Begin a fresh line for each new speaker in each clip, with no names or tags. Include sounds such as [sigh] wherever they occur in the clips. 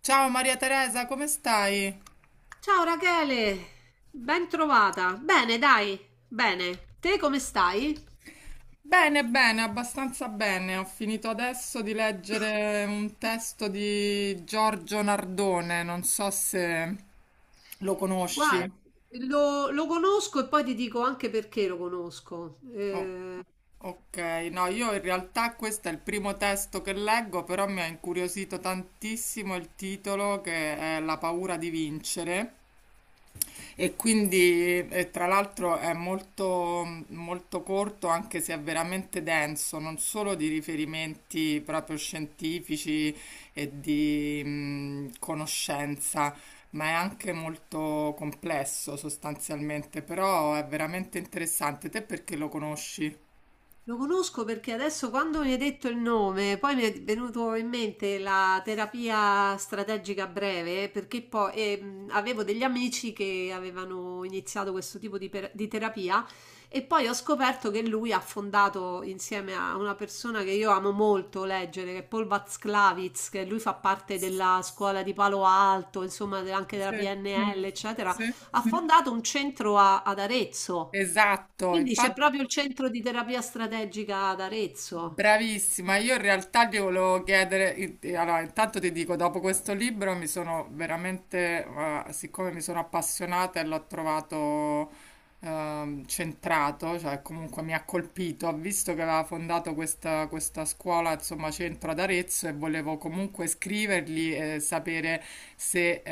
Ciao Maria Teresa, come stai?
Ciao Rachele, ben trovata. Bene, dai, bene. Te come stai?
Bene, bene, abbastanza bene. Ho finito adesso di leggere un testo di Giorgio Nardone, non so se lo conosci.
Guarda, lo conosco e poi ti dico anche perché lo conosco.
Oh,
Eh,
ok, no, io in realtà questo è il primo testo che leggo, però mi ha incuriosito tantissimo il titolo che è La paura di vincere. E quindi, tra l'altro, è molto, molto corto, anche se è veramente denso, non solo di riferimenti proprio scientifici e di conoscenza, ma è anche molto complesso sostanzialmente, però è veramente interessante. Te perché lo conosci?
Lo conosco perché adesso quando mi hai detto il nome, poi mi è venuto in mente la terapia strategica breve, perché poi avevo degli amici che avevano iniziato questo tipo di terapia e poi ho scoperto che lui ha fondato insieme a una persona che io amo molto leggere, che è Paul Watzlawick, che lui fa parte della scuola di Palo Alto, insomma anche della
Sì,
PNL, eccetera,
sì.
ha fondato un ad Arezzo.
Esatto,
Quindi c'è
infatti.
proprio il centro di terapia strategica ad Arezzo.
Bravissima, io in realtà ti volevo chiedere, allora intanto ti dico, dopo questo libro mi sono veramente, siccome mi sono appassionata e l'ho trovato centrato, cioè comunque mi ha colpito, ho visto che aveva fondato questa, questa scuola, insomma, centro ad Arezzo e volevo comunque scrivergli e sapere se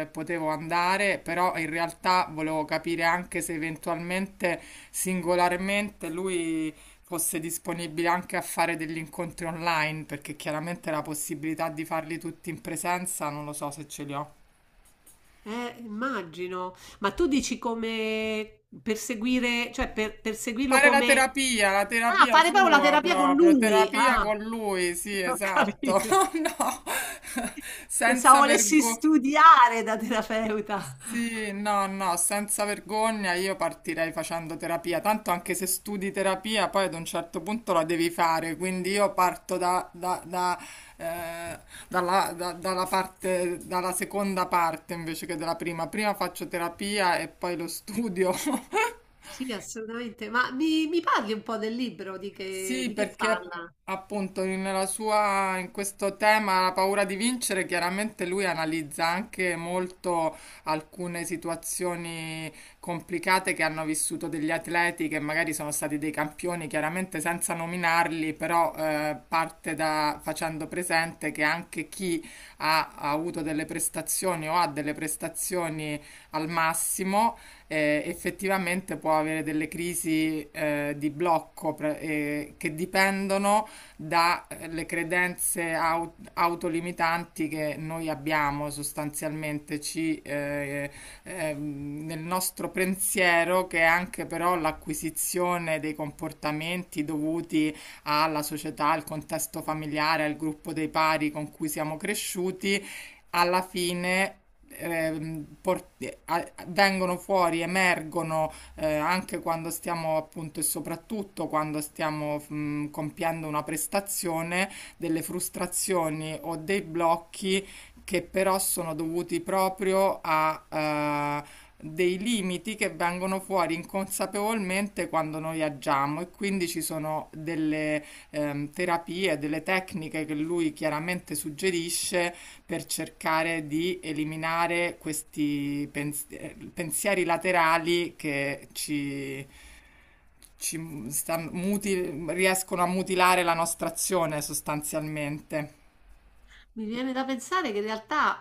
potevo andare, però in realtà volevo capire anche se eventualmente singolarmente lui fosse disponibile anche a fare degli incontri online, perché chiaramente la possibilità di farli tutti in presenza non lo so se ce li ho.
Immagino. Ma tu dici come perseguire, perseguirlo
Fare
come...
la
Ah,
terapia
fare proprio la
sua
terapia con
proprio,
lui.
terapia
Ah,
con lui, sì,
[laughs] ho
esatto.
capito.
[laughs] No,
Pensavo
senza
volessi
vergogna.
studiare da terapeuta.
Sì, no, no, senza vergogna io partirei facendo terapia, tanto anche se studi terapia poi ad un certo punto la devi fare, quindi io parto eh, dalla, dalla parte, dalla seconda parte invece che dalla prima. Prima faccio terapia e poi lo studio [laughs]
Sì, assolutamente. Ma mi parli un po' del libro,
Sì,
di che
perché
parla?
appunto nella sua, in questo tema la paura di vincere, chiaramente lui analizza anche molto alcune situazioni complicate che hanno vissuto degli atleti che magari sono stati dei campioni, chiaramente senza nominarli, però parte da facendo presente che anche chi ha avuto delle prestazioni o ha delle prestazioni al massimo effettivamente può avere delle crisi di blocco che dipendono dalle credenze autolimitanti che noi abbiamo sostanzialmente nel nostro pensiero, che è anche però l'acquisizione dei comportamenti dovuti alla società, al contesto familiare, al gruppo dei pari con cui siamo cresciuti alla fine vengono fuori, emergono anche quando stiamo appunto e soprattutto quando stiamo compiendo una prestazione, delle frustrazioni o dei blocchi che però sono dovuti proprio a dei limiti che vengono fuori inconsapevolmente quando noi agiamo e quindi ci sono delle terapie, delle tecniche che lui chiaramente suggerisce per cercare di eliminare questi pensieri laterali che riescono a mutilare la nostra azione sostanzialmente.
Mi viene da pensare che in realtà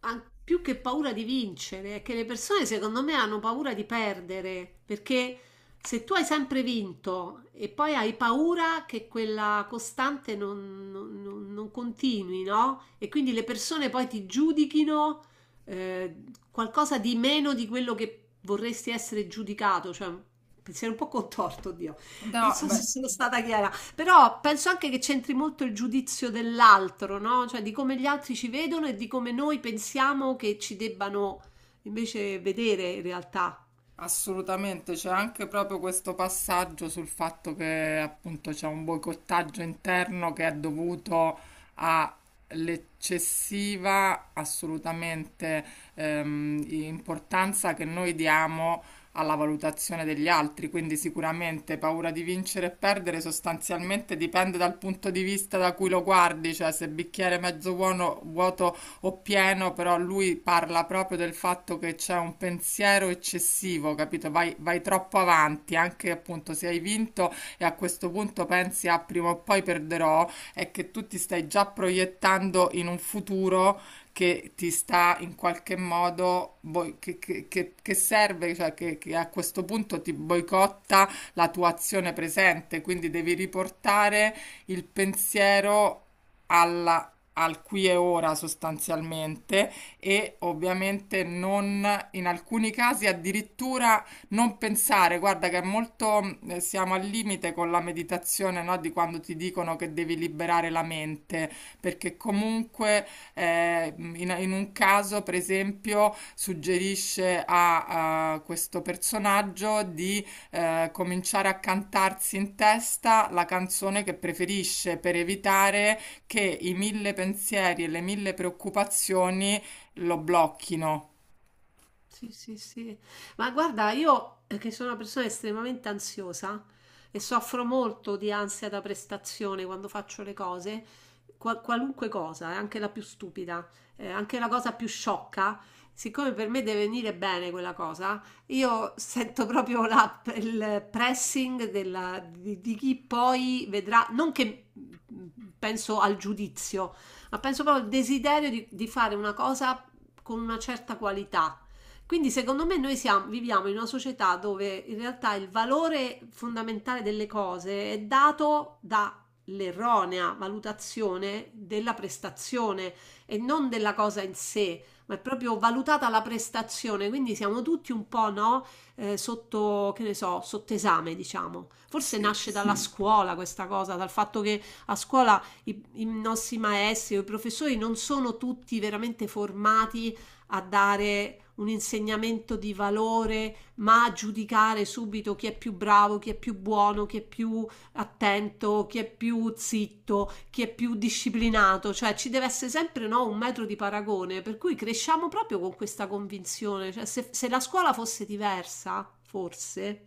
più che paura di vincere, è che le persone secondo me hanno paura di perdere, perché se tu hai sempre vinto e poi hai paura che quella costante non continui, no? E quindi le persone poi ti giudichino eh, qualcosa di meno di quello che vorresti essere giudicato, cioè un pensiero un po' contorto, Dio. Non
No,
so se
beh,
sono stata chiara, però penso anche che c'entri molto il giudizio dell'altro, no? Cioè di come gli altri ci vedono e di come noi pensiamo che ci debbano invece vedere in realtà.
assolutamente, c'è anche proprio questo passaggio sul fatto che appunto c'è un boicottaggio interno che è dovuto all'eccessiva assolutamente importanza che noi diamo alla valutazione degli altri, quindi sicuramente paura di vincere e perdere sostanzialmente dipende dal punto di vista da cui lo guardi, cioè se bicchiere mezzo buono, vuoto o pieno, però lui parla proprio del fatto che c'è un pensiero eccessivo, capito? Vai, vai troppo avanti, anche appunto se hai vinto e a questo punto pensi a prima o poi perderò, è che tu ti stai già proiettando in un futuro che ti sta in qualche modo, che serve, cioè che a questo punto ti boicotta la tua azione presente, quindi devi riportare il pensiero alla- al qui e ora sostanzialmente e ovviamente non in alcuni casi addirittura non pensare, guarda che è molto siamo al limite con la meditazione, no, di quando ti dicono che devi liberare la mente, perché comunque in un caso, per esempio, suggerisce a questo personaggio di cominciare a cantarsi in testa la canzone che preferisce per evitare che i mille pensieri e le mille preoccupazioni lo blocchino.
Sì, sì, sì. Ma guarda, io che sono una persona estremamente ansiosa e soffro molto di ansia da prestazione quando faccio le cose, qualunque cosa, anche la più stupida, anche la cosa più sciocca, siccome per me deve venire bene quella cosa, io sento proprio il pressing di chi poi vedrà, non che mm, penso al giudizio, ma penso proprio al desiderio di fare una cosa con una certa qualità. Quindi secondo me noi viviamo in una società dove in realtà il valore fondamentale delle cose è dato dall'erronea valutazione della prestazione e non della cosa in sé, ma è proprio valutata la prestazione, quindi siamo tutti un po', no, sotto, che ne so, sotto esame, diciamo. Forse
Sì.
nasce dalla Sì. scuola questa cosa, dal fatto che a scuola i nostri maestri o i professori non sono tutti veramente formati a dare un insegnamento di valore, ma a giudicare subito chi è più bravo, chi è più buono, chi è più attento, chi è più zitto, chi è più disciplinato, cioè ci deve essere sempre no, un metro di paragone, per cui cresciamo proprio con questa convinzione, cioè, se la scuola fosse diversa, forse,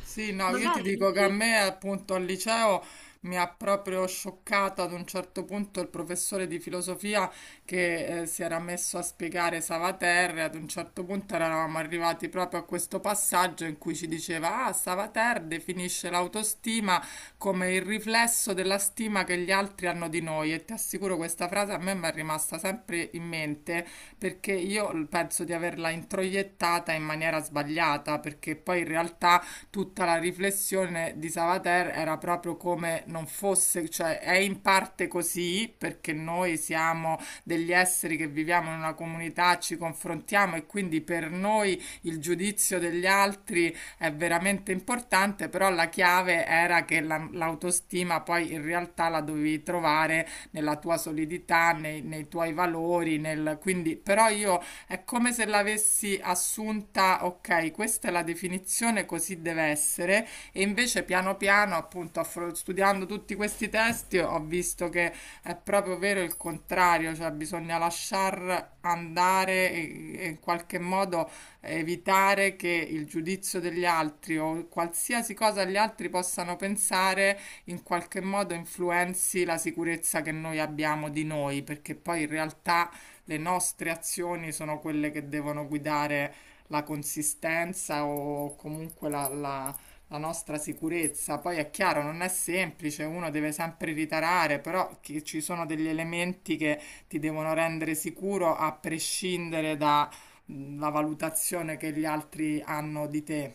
Sì, no, io ti
magari
dico che a
noi.
me appunto al liceo mi ha proprio scioccata ad un certo punto il professore di filosofia che si era messo a spiegare Savater e ad un certo punto eravamo arrivati proprio a questo passaggio in cui ci diceva: Ah, Savater definisce l'autostima come il riflesso della stima che gli altri hanno di noi. E ti assicuro, questa frase a me mi è rimasta sempre in mente perché io penso di averla introiettata in maniera sbagliata, perché poi in realtà tutta la riflessione di Savater era proprio come non fosse, cioè è in parte così perché noi siamo degli esseri che viviamo in una comunità, ci confrontiamo e quindi per noi il giudizio degli altri è veramente importante, però la chiave era che l'autostima poi in realtà la dovevi trovare nella tua solidità, nei tuoi valori, nel... quindi però io è come se l'avessi assunta, ok, questa è la definizione, così deve essere, e invece piano piano, appunto, studiando tutti questi testi, ho visto che è proprio vero il contrario, cioè bisogna lasciar andare e in qualche modo evitare che il giudizio degli altri o qualsiasi cosa gli altri possano pensare in qualche modo influenzi la sicurezza che noi abbiamo di noi, perché poi in realtà le nostre azioni sono quelle che devono guidare la consistenza o comunque la nostra sicurezza. Poi è chiaro, non è semplice, uno deve sempre ritarare, però ci sono degli elementi che ti devono rendere sicuro a prescindere dalla valutazione che gli altri hanno di te.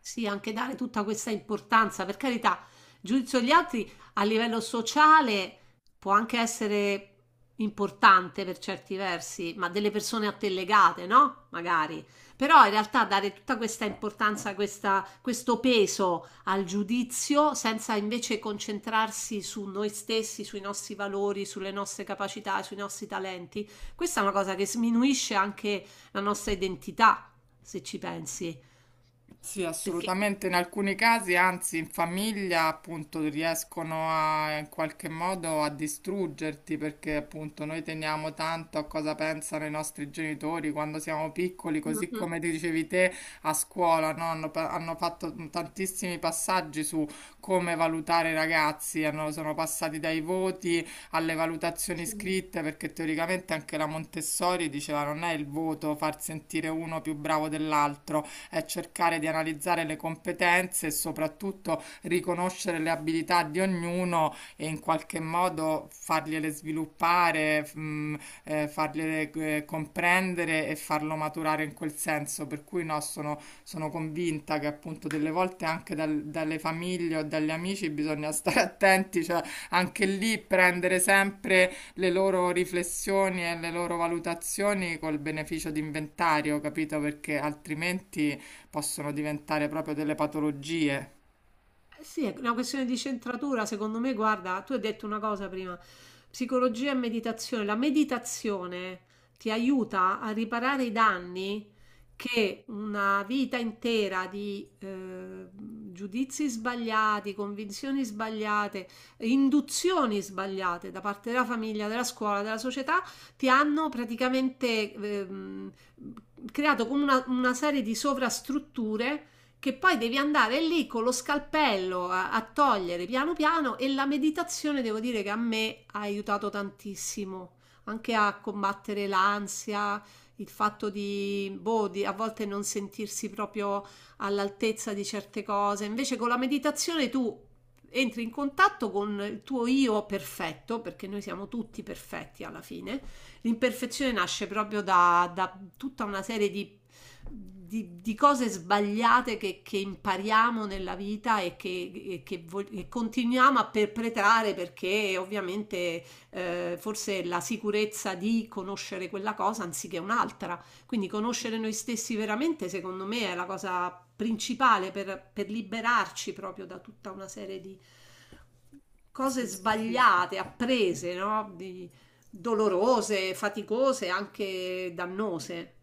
Sì, anche dare tutta questa importanza, per carità, giudizio degli altri a livello sociale può anche essere importante per certi versi, ma delle persone a te legate, no? Magari. Però in realtà dare tutta questa importanza, questo peso al giudizio senza invece concentrarsi su noi stessi, sui nostri valori, sulle nostre capacità, sui nostri talenti, questa è una cosa che sminuisce anche la nostra identità, se ci pensi.
Sì,
Perché
assolutamente. In alcuni casi, anzi, in famiglia, appunto, riescono a, in qualche modo a distruggerti perché, appunto, noi teniamo tanto a cosa pensano i nostri genitori quando siamo piccoli,
mm,
così
mm,
come dicevi te a scuola, no? Hanno fatto tantissimi passaggi su come valutare i ragazzi, sono passati dai voti alle valutazioni
sì.
scritte perché teoricamente anche la Montessori diceva non è il voto far sentire uno più bravo dell'altro è cercare di analizzare le competenze e soprattutto riconoscere le abilità di ognuno e in qualche modo fargliele sviluppare, fargliele comprendere e farlo maturare in quel senso. Per cui no, sono, sono convinta che appunto delle volte anche dalle famiglie o dagli amici bisogna stare attenti, cioè anche lì prendere sempre le loro riflessioni e le loro valutazioni col beneficio di inventario, capito? Perché altrimenti possono diventare proprio delle patologie.
Eh sì, è una questione di centratura, secondo me, guarda, tu hai detto una cosa prima, psicologia e meditazione. La meditazione ti aiuta a riparare i danni che una vita intera di giudizi sbagliati, convinzioni sbagliate, induzioni sbagliate da parte della famiglia, della scuola, della società, ti hanno praticamente creato come una serie di sovrastrutture che poi devi andare lì con lo scalpello a togliere piano piano, e la meditazione devo dire che a me ha aiutato tantissimo anche a combattere l'ansia, il fatto di, boh, di a volte non sentirsi proprio all'altezza di certe cose. Invece con la meditazione tu entri in contatto con il tuo io perfetto, perché noi siamo tutti perfetti alla fine. L'imperfezione nasce proprio da tutta una serie di cose sbagliate impariamo nella vita e che e continuiamo a perpetrare perché ovviamente forse la sicurezza di conoscere quella cosa anziché un'altra. Quindi conoscere noi stessi veramente, secondo me, è la cosa principale per liberarci proprio da tutta una serie di cose sbagliate, apprese, no? Di, dolorose, faticose, anche dannose.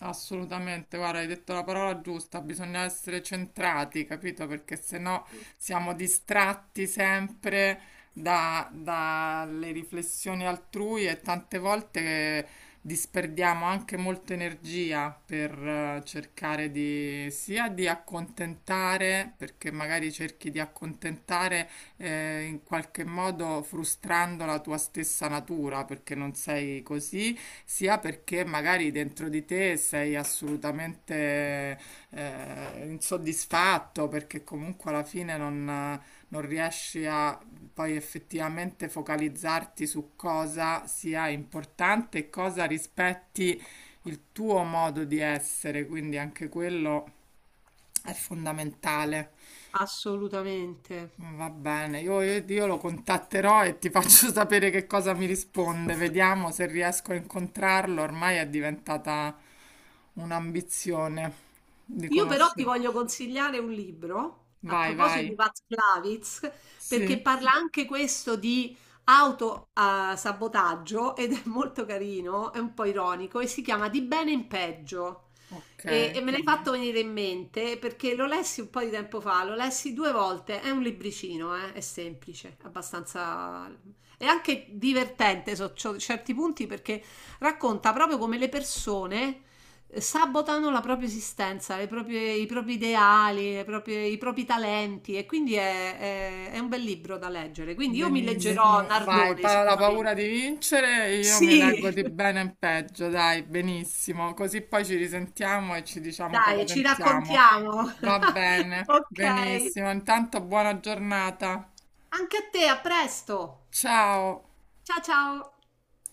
Assolutamente, guarda, hai detto la parola giusta, bisogna essere centrati, capito? Perché se no siamo distratti sempre dalle riflessioni altrui e tante volte disperdiamo anche molta energia per cercare di sia di accontentare, perché magari cerchi di accontentare in qualche modo frustrando la tua stessa natura, perché non sei così sia perché magari dentro di te sei assolutamente insoddisfatto, perché comunque alla fine non riesci a poi effettivamente focalizzarti su cosa sia importante e cosa rispetti il tuo modo di essere, quindi anche quello è fondamentale.
Assolutamente.
Va bene, io lo contatterò e ti faccio [laughs] sapere che cosa mi risponde. Vediamo se riesco a incontrarlo. Ormai è diventata un'ambizione di
Io però ti
conoscere.
voglio consigliare un libro a
Vai,
proposito di
vai.
Václavitz, perché
Sì,
parla anche questo di autosabotaggio ed è molto carino, è un po' ironico e si chiama Di bene in peggio.
ok,
E me l'hai fatto venire in mente perché lo lessi un po' di tempo fa, lo lessi 2 volte, è un libricino, è semplice, abbastanza... è anche divertente su certi punti perché racconta proprio come le persone sabotano la propria esistenza, i propri ideali, i propri talenti e quindi è un bel libro da leggere. Quindi io mi leggerò Bellissimo.
benissimo. Vai,
Nardone
la
sicuramente.
paura di vincere, io mi leggo
Sì,
di bene in peggio, dai, benissimo. Così poi ci risentiamo e ci
[laughs]
diciamo cosa
dai, ci
pensiamo.
raccontiamo.
Va
[laughs]
bene,
Ok.
benissimo. Intanto buona giornata.
Anche a te, a presto.
Ciao.
Ciao ciao.